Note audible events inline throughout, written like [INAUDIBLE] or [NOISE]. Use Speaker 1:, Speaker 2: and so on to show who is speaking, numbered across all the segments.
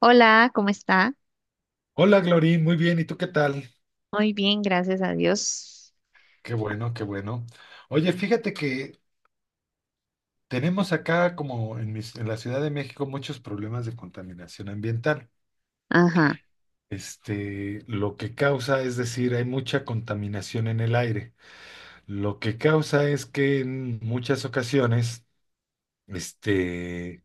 Speaker 1: Hola, ¿cómo está?
Speaker 2: Hola, Glory, muy bien, ¿y tú qué tal?
Speaker 1: Muy bien, gracias a Dios.
Speaker 2: Qué bueno, qué bueno. Oye, fíjate que tenemos acá, como en la Ciudad de México, muchos problemas de contaminación ambiental.
Speaker 1: Ajá.
Speaker 2: Lo que causa, es decir, hay mucha contaminación en el aire. Lo que causa es que en muchas ocasiones, este,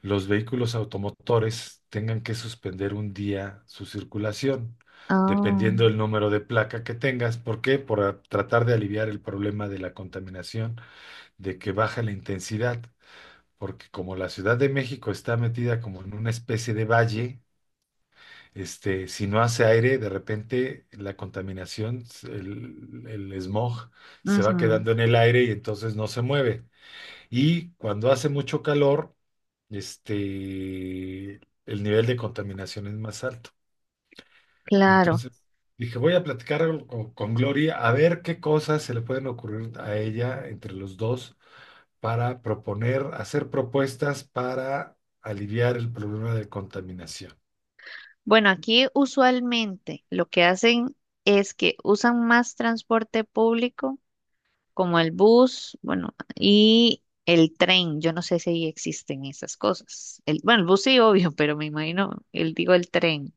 Speaker 2: los vehículos automotores tengan que suspender un día su circulación,
Speaker 1: Ah,
Speaker 2: dependiendo del número de placa que tengas. ¿Por qué? Por tratar de aliviar el problema de la contaminación, de que baja la intensidad, porque como la Ciudad de México está metida como en una especie de valle, si no hace aire, de repente la contaminación, el smog, se va
Speaker 1: ujú,
Speaker 2: quedando en el aire y entonces no se mueve. Y cuando hace mucho calor, este, el nivel de contaminación es más alto.
Speaker 1: claro.
Speaker 2: Entonces, dije, voy a platicar algo con, Gloria, a ver qué cosas se le pueden ocurrir a ella entre los dos para proponer, hacer propuestas para aliviar el problema de contaminación.
Speaker 1: Bueno, aquí usualmente lo que hacen es que usan más transporte público, como el bus, bueno, y el tren. Yo no sé si ahí existen esas cosas. El, bueno, el bus sí, obvio, [LAUGHS] pero me imagino, el, digo el tren.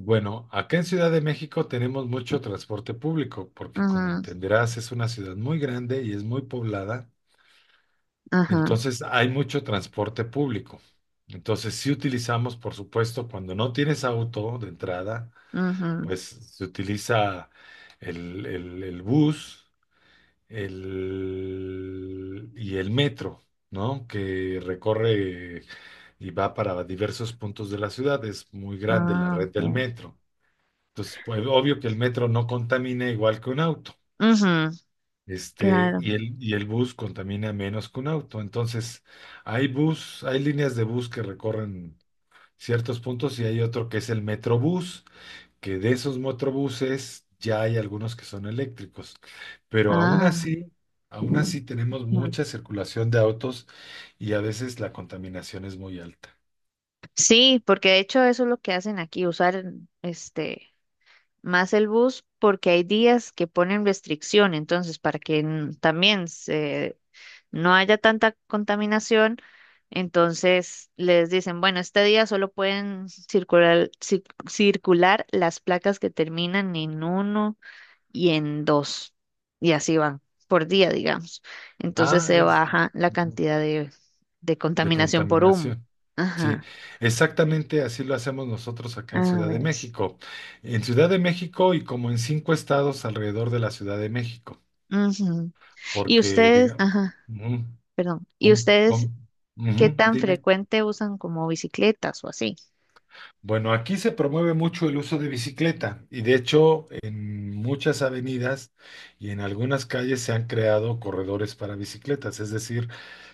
Speaker 2: Bueno, acá en Ciudad de México tenemos mucho transporte público, porque como
Speaker 1: Ajá,
Speaker 2: entenderás, es una ciudad muy grande y es muy poblada.
Speaker 1: ajá,
Speaker 2: Entonces hay mucho transporte público. Entonces sí utilizamos, por supuesto, cuando no tienes auto de entrada,
Speaker 1: ujú.
Speaker 2: pues se utiliza el bus y el metro, ¿no? Que recorre y va para diversos puntos de la ciudad. Es muy grande la
Speaker 1: Ah,
Speaker 2: red del
Speaker 1: ok.
Speaker 2: metro. Entonces, pues obvio que el metro no contamina igual que un auto.
Speaker 1: Ujú,
Speaker 2: Este,
Speaker 1: claro.
Speaker 2: y el, y el bus contamina menos que un auto. Entonces, hay bus, hay líneas de bus que recorren ciertos puntos y hay otro que es el Metrobús, que de esos Metrobuses ya hay algunos que son eléctricos. Pero
Speaker 1: Ah.
Speaker 2: aún así tenemos mucha circulación de autos y a veces la contaminación es muy alta.
Speaker 1: Sí, porque de hecho eso es lo que hacen aquí, usar este más el bus porque hay días que ponen restricción, entonces para que también se, no haya tanta contaminación, entonces les dicen, bueno, este día solo pueden circular circular las placas que terminan en uno y en dos, y así van por día, digamos. Entonces
Speaker 2: Ah,
Speaker 1: se
Speaker 2: es,
Speaker 1: baja la
Speaker 2: ujú,
Speaker 1: cantidad de
Speaker 2: de
Speaker 1: contaminación por humo.
Speaker 2: contaminación. Sí,
Speaker 1: Ajá.
Speaker 2: exactamente así lo hacemos nosotros acá
Speaker 1: A
Speaker 2: en Ciudad de
Speaker 1: ver.
Speaker 2: México. En Ciudad de México y como en cinco estados alrededor de la Ciudad de México,
Speaker 1: Ujú. Y
Speaker 2: porque
Speaker 1: ustedes,
Speaker 2: digamos,
Speaker 1: ajá,
Speaker 2: ujú,
Speaker 1: perdón. ¿Y
Speaker 2: com-
Speaker 1: ustedes
Speaker 2: com-
Speaker 1: qué
Speaker 2: ujú,
Speaker 1: tan
Speaker 2: dime.
Speaker 1: frecuente usan como bicicletas o así?
Speaker 2: Bueno, aquí se promueve mucho el uso de bicicleta y de hecho en muchas avenidas y en algunas calles se han creado corredores para bicicletas, es decir,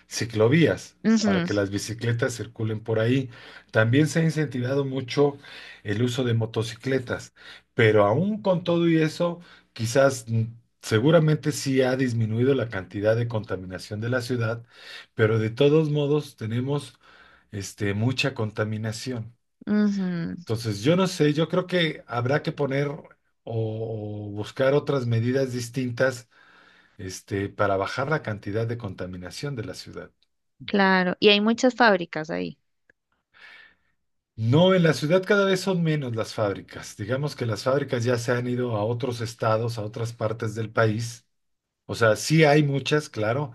Speaker 2: ciclovías para
Speaker 1: Ujú,
Speaker 2: que las bicicletas circulen por ahí. También se ha incentivado mucho el uso de motocicletas, pero aún con todo y eso, quizás, seguramente sí ha disminuido la cantidad de contaminación de la ciudad, pero de todos modos tenemos mucha contaminación.
Speaker 1: ujú,
Speaker 2: Entonces, yo no sé, yo creo que habrá que poner o buscar otras medidas distintas, para bajar la cantidad de contaminación de la ciudad.
Speaker 1: claro. Y hay muchas fábricas ahí.
Speaker 2: No, en la ciudad cada vez son menos las fábricas. Digamos que las fábricas ya se han ido a otros estados, a otras partes del país. O sea, sí hay muchas, claro,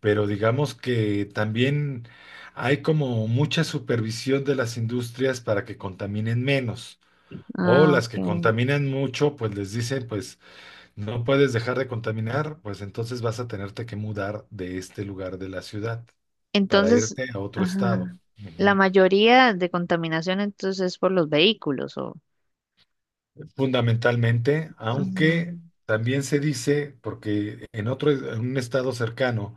Speaker 2: pero digamos que también hay como mucha supervisión de las industrias para que contaminen menos. O
Speaker 1: Ah,
Speaker 2: las que
Speaker 1: ok.
Speaker 2: contaminan mucho, pues les dicen, pues no puedes dejar de contaminar, pues entonces vas a tenerte que mudar de este lugar de la ciudad para
Speaker 1: Entonces,
Speaker 2: irte a otro estado.
Speaker 1: ajá, la
Speaker 2: Ujú.
Speaker 1: mayoría de contaminación entonces es por los vehículos o...
Speaker 2: Fundamentalmente, aunque
Speaker 1: Ujú,
Speaker 2: también se dice, porque en otro, en un estado cercano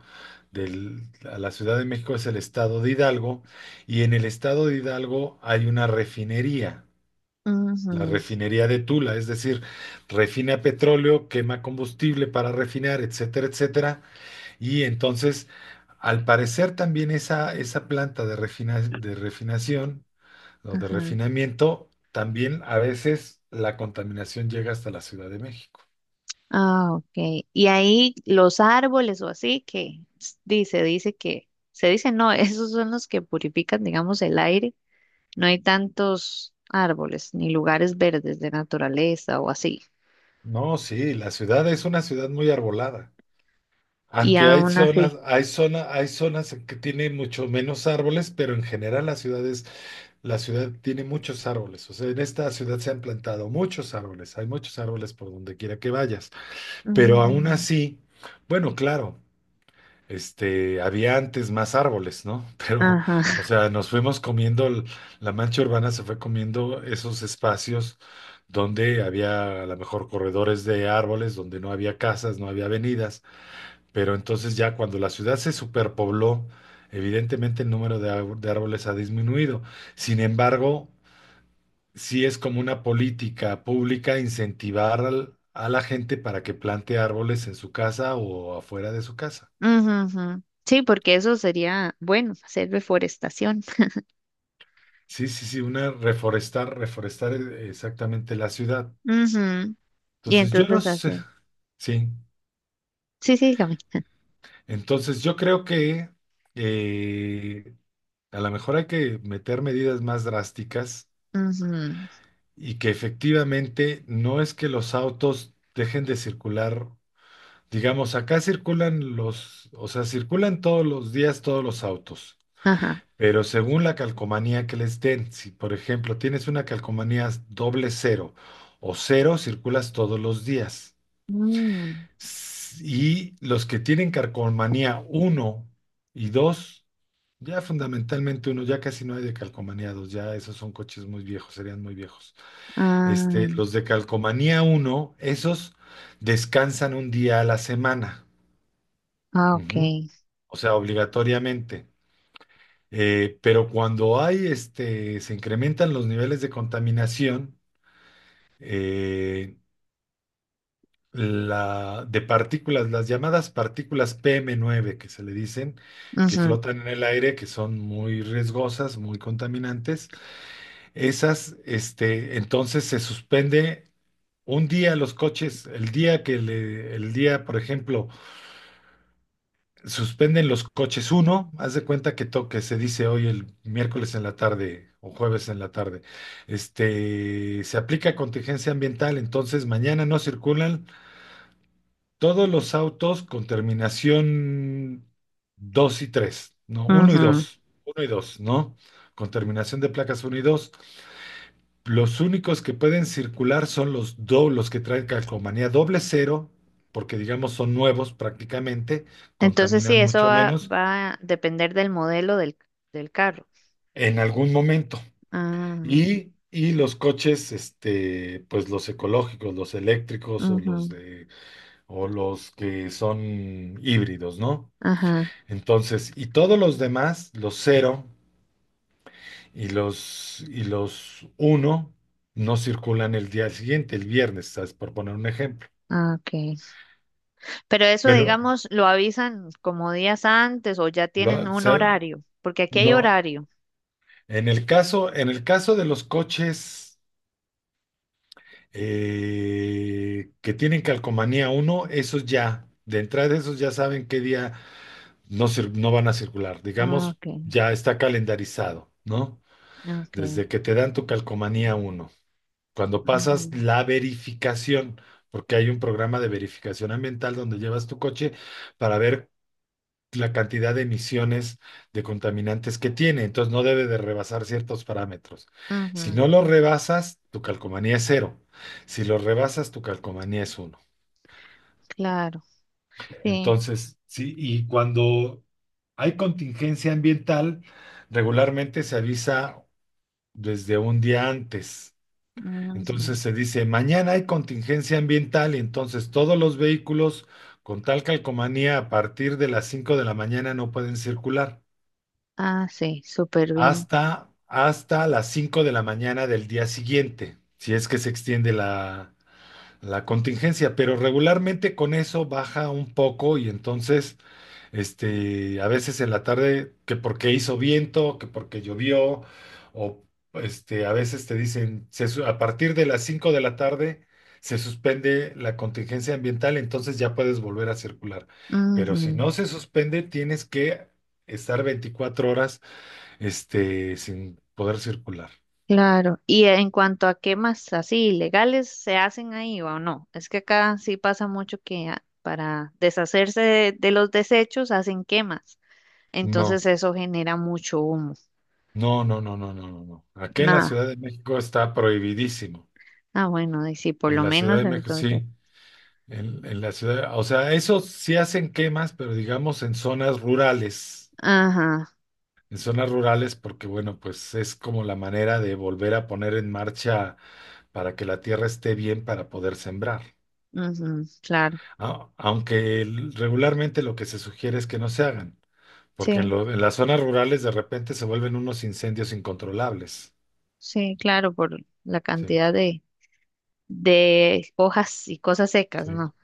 Speaker 2: del- a la Ciudad de México, es el estado de Hidalgo, y en el estado de Hidalgo hay una refinería, la
Speaker 1: ujú,
Speaker 2: refinería de Tula, es decir, refina petróleo, quema combustible para refinar, etcétera, etcétera. Y entonces, al parecer también esa planta de refinación o de
Speaker 1: ajá.
Speaker 2: refinamiento, también a veces la contaminación llega hasta la Ciudad de México.
Speaker 1: Ah, ok. Y ahí los árboles o así que dice que, se dice no, [LAUGHS] esos son los que purifican, digamos, el aire. No hay tantos árboles ni lugares verdes de naturaleza o así.
Speaker 2: No, sí, la ciudad es una ciudad muy arbolada.
Speaker 1: Y
Speaker 2: Aunque hay
Speaker 1: aún
Speaker 2: zonas,
Speaker 1: así.
Speaker 2: hay zona, hay zonas en que tienen mucho menos árboles, pero en general la ciudad tiene muchos árboles. O sea, en esta ciudad se han plantado muchos árboles, hay muchos árboles por donde quiera que vayas. Pero aún
Speaker 1: Ujú.
Speaker 2: así, bueno, claro, había antes más árboles, ¿no? [LAUGHS] Pero,
Speaker 1: Ajá.
Speaker 2: o
Speaker 1: [LAUGHS]
Speaker 2: sea, nos fuimos comiendo, la mancha urbana se fue comiendo esos espacios donde había a lo mejor corredores de árboles, donde no había casas, no había avenidas, pero entonces ya cuando la ciudad se superpobló, evidentemente el número de árboles ha disminuido. Sin embargo, sí es como una política pública incentivar a la gente para que plante árboles en su casa o afuera de su casa.
Speaker 1: Ujú, ujú. Sí, porque eso sería, bueno, hacer deforestación.
Speaker 2: Sí, sí, sí, una reforestar, exactamente la ciudad.
Speaker 1: Ujú. Y
Speaker 2: Entonces, yo no
Speaker 1: entonces
Speaker 2: sé,
Speaker 1: así.
Speaker 2: sí.
Speaker 1: Sí, sí, dígame. [LAUGHS]
Speaker 2: Entonces, yo creo que eh, a lo mejor hay que meter medidas más drásticas
Speaker 1: Ujú.
Speaker 2: y que efectivamente no es que los autos dejen de circular. Digamos, acá circulan los, o sea, circulan todos los días todos los autos.
Speaker 1: Ajá.
Speaker 2: Pero según la calcomanía que les den, si por ejemplo tienes una calcomanía doble cero o cero, circulas todos los días.
Speaker 1: Mm.
Speaker 2: Y los que tienen calcomanía uno y dos, ya fundamentalmente uno, ya casi no hay de calcomanía dos, ya esos son coches muy viejos, serían muy viejos.
Speaker 1: Ah,
Speaker 2: Los de calcomanía uno, esos descansan un día a la semana.
Speaker 1: ah, ok.
Speaker 2: Ujú. O sea, obligatoriamente. Pero cuando hay, se incrementan los niveles de contaminación, eh, de partículas, las llamadas partículas PM9 que se le dicen, que
Speaker 1: Ujú,
Speaker 2: flotan en el aire, que son muy riesgosas, muy contaminantes. Esas, entonces se suspende un día los coches, el día, por ejemplo, suspenden los coches uno, haz de cuenta que toque, se dice hoy el miércoles en la tarde o jueves en la tarde. Se aplica contingencia ambiental, entonces mañana no circulan todos los autos con terminación 2 y 3 no, uno y
Speaker 1: ujú.
Speaker 2: dos uno y dos ¿no? Con terminación de placas uno y dos. Los únicos que pueden circular son los que traen calcomanía doble cero, porque digamos son nuevos prácticamente,
Speaker 1: Entonces sí,
Speaker 2: contaminan
Speaker 1: eso
Speaker 2: mucho
Speaker 1: va,
Speaker 2: menos
Speaker 1: va a depender del modelo del, del carro.
Speaker 2: en algún momento.
Speaker 1: Ah,
Speaker 2: Y los coches, pues los ecológicos, los eléctricos o los
Speaker 1: ujú.
Speaker 2: de, o los que son híbridos, ¿no?
Speaker 1: Ajá.
Speaker 2: Entonces, y todos los demás, los cero y los uno, no circulan el día siguiente, el viernes, ¿sabes? Por poner un ejemplo.
Speaker 1: Ah, ok. Pero eso,
Speaker 2: Pero,
Speaker 1: digamos, lo avisan como días antes o ya tienen
Speaker 2: o
Speaker 1: un
Speaker 2: sea,
Speaker 1: horario, porque aquí hay
Speaker 2: no,
Speaker 1: horario.
Speaker 2: en el caso de los coches, que tienen calcomanía uno, esos ya, de entrada esos ya saben qué día no, no van a circular.
Speaker 1: Ah,
Speaker 2: Digamos,
Speaker 1: ok,
Speaker 2: ya está calendarizado, ¿no?
Speaker 1: ok.
Speaker 2: Desde que te dan tu calcomanía uno. Cuando
Speaker 1: Ujú,
Speaker 2: pasas la verificación, porque hay un programa de verificación ambiental donde llevas tu coche para ver la cantidad de emisiones de contaminantes que tiene. Entonces no debe de rebasar ciertos parámetros. Si
Speaker 1: ujú,
Speaker 2: no lo rebasas, tu calcomanía es cero. Si lo rebasas, tu calcomanía es uno.
Speaker 1: claro, sí.
Speaker 2: Entonces, sí, y cuando hay contingencia ambiental, regularmente se avisa desde un día antes.
Speaker 1: Ujú.
Speaker 2: Entonces se dice, mañana hay contingencia ambiental y entonces todos los vehículos con tal calcomanía a partir de las 5 de la mañana no pueden circular.
Speaker 1: Ah, sí, súper bien.
Speaker 2: Hasta, hasta las 5 de la mañana del día siguiente, si es que se extiende la contingencia, pero regularmente con eso baja un poco y entonces, a veces en la tarde, que porque hizo viento, que porque llovió, o a veces te dicen, a partir de las 5 de la tarde se suspende la contingencia ambiental, entonces ya puedes volver a circular. Pero si
Speaker 1: Ujú,
Speaker 2: no se suspende, tienes que estar 24 horas, sin poder circular.
Speaker 1: claro. Y en cuanto a quemas así ilegales, ¿se hacen ahí o no? Es que acá sí pasa mucho que para deshacerse de los desechos hacen quemas.
Speaker 2: No,
Speaker 1: Entonces eso genera mucho humo.
Speaker 2: no, no, no, no, no, no, no. Aquí en la
Speaker 1: Nada.
Speaker 2: Ciudad de México está prohibidísimo.
Speaker 1: Ah, bueno, y sí, por
Speaker 2: En
Speaker 1: lo
Speaker 2: la Ciudad
Speaker 1: menos
Speaker 2: de México,
Speaker 1: entonces.
Speaker 2: sí. En la ciudad, o sea, eso sí hacen quemas, pero digamos en zonas rurales.
Speaker 1: Ajá,
Speaker 2: En zonas rurales, porque bueno, pues es como la manera de volver a poner en marcha para que la tierra esté bien para poder sembrar.
Speaker 1: ujú, claro.
Speaker 2: Aunque regularmente lo que se sugiere es que no se hagan. Porque
Speaker 1: Sí,
Speaker 2: en las zonas rurales de repente se vuelven unos incendios incontrolables.
Speaker 1: sí, claro, por la
Speaker 2: Sí,
Speaker 1: cantidad de hojas y cosas secas,
Speaker 2: sí.
Speaker 1: ¿no?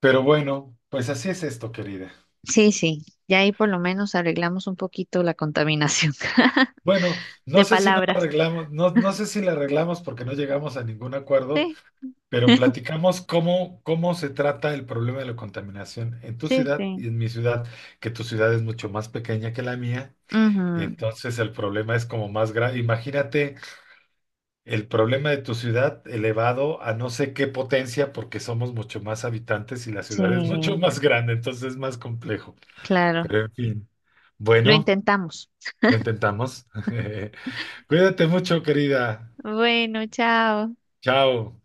Speaker 2: Pero bueno, pues así es esto, querida.
Speaker 1: Sí, sí, ya ahí por lo menos arreglamos un poquito la contaminación [LAUGHS]
Speaker 2: Bueno,
Speaker 1: de
Speaker 2: no sé si no la
Speaker 1: palabras.
Speaker 2: arreglamos, no, no sé si la arreglamos porque no llegamos a ningún acuerdo,
Speaker 1: Sí,
Speaker 2: pero platicamos cómo se trata el problema de la contaminación en tu
Speaker 1: sí,
Speaker 2: ciudad
Speaker 1: sí.
Speaker 2: y en mi ciudad, que tu ciudad es mucho más pequeña que la mía, y
Speaker 1: Ujú,
Speaker 2: entonces el problema es como más grave. Imagínate. El problema de tu ciudad elevado a no sé qué potencia, porque somos mucho más habitantes y la ciudad es [LAUGHS] mucho
Speaker 1: sí,
Speaker 2: más grande, entonces es más complejo.
Speaker 1: claro.
Speaker 2: Pero en fin,
Speaker 1: Lo
Speaker 2: bueno,
Speaker 1: intentamos.
Speaker 2: lo intentamos. [LAUGHS] Cuídate mucho, querida.
Speaker 1: Bueno, chao.
Speaker 2: Chao.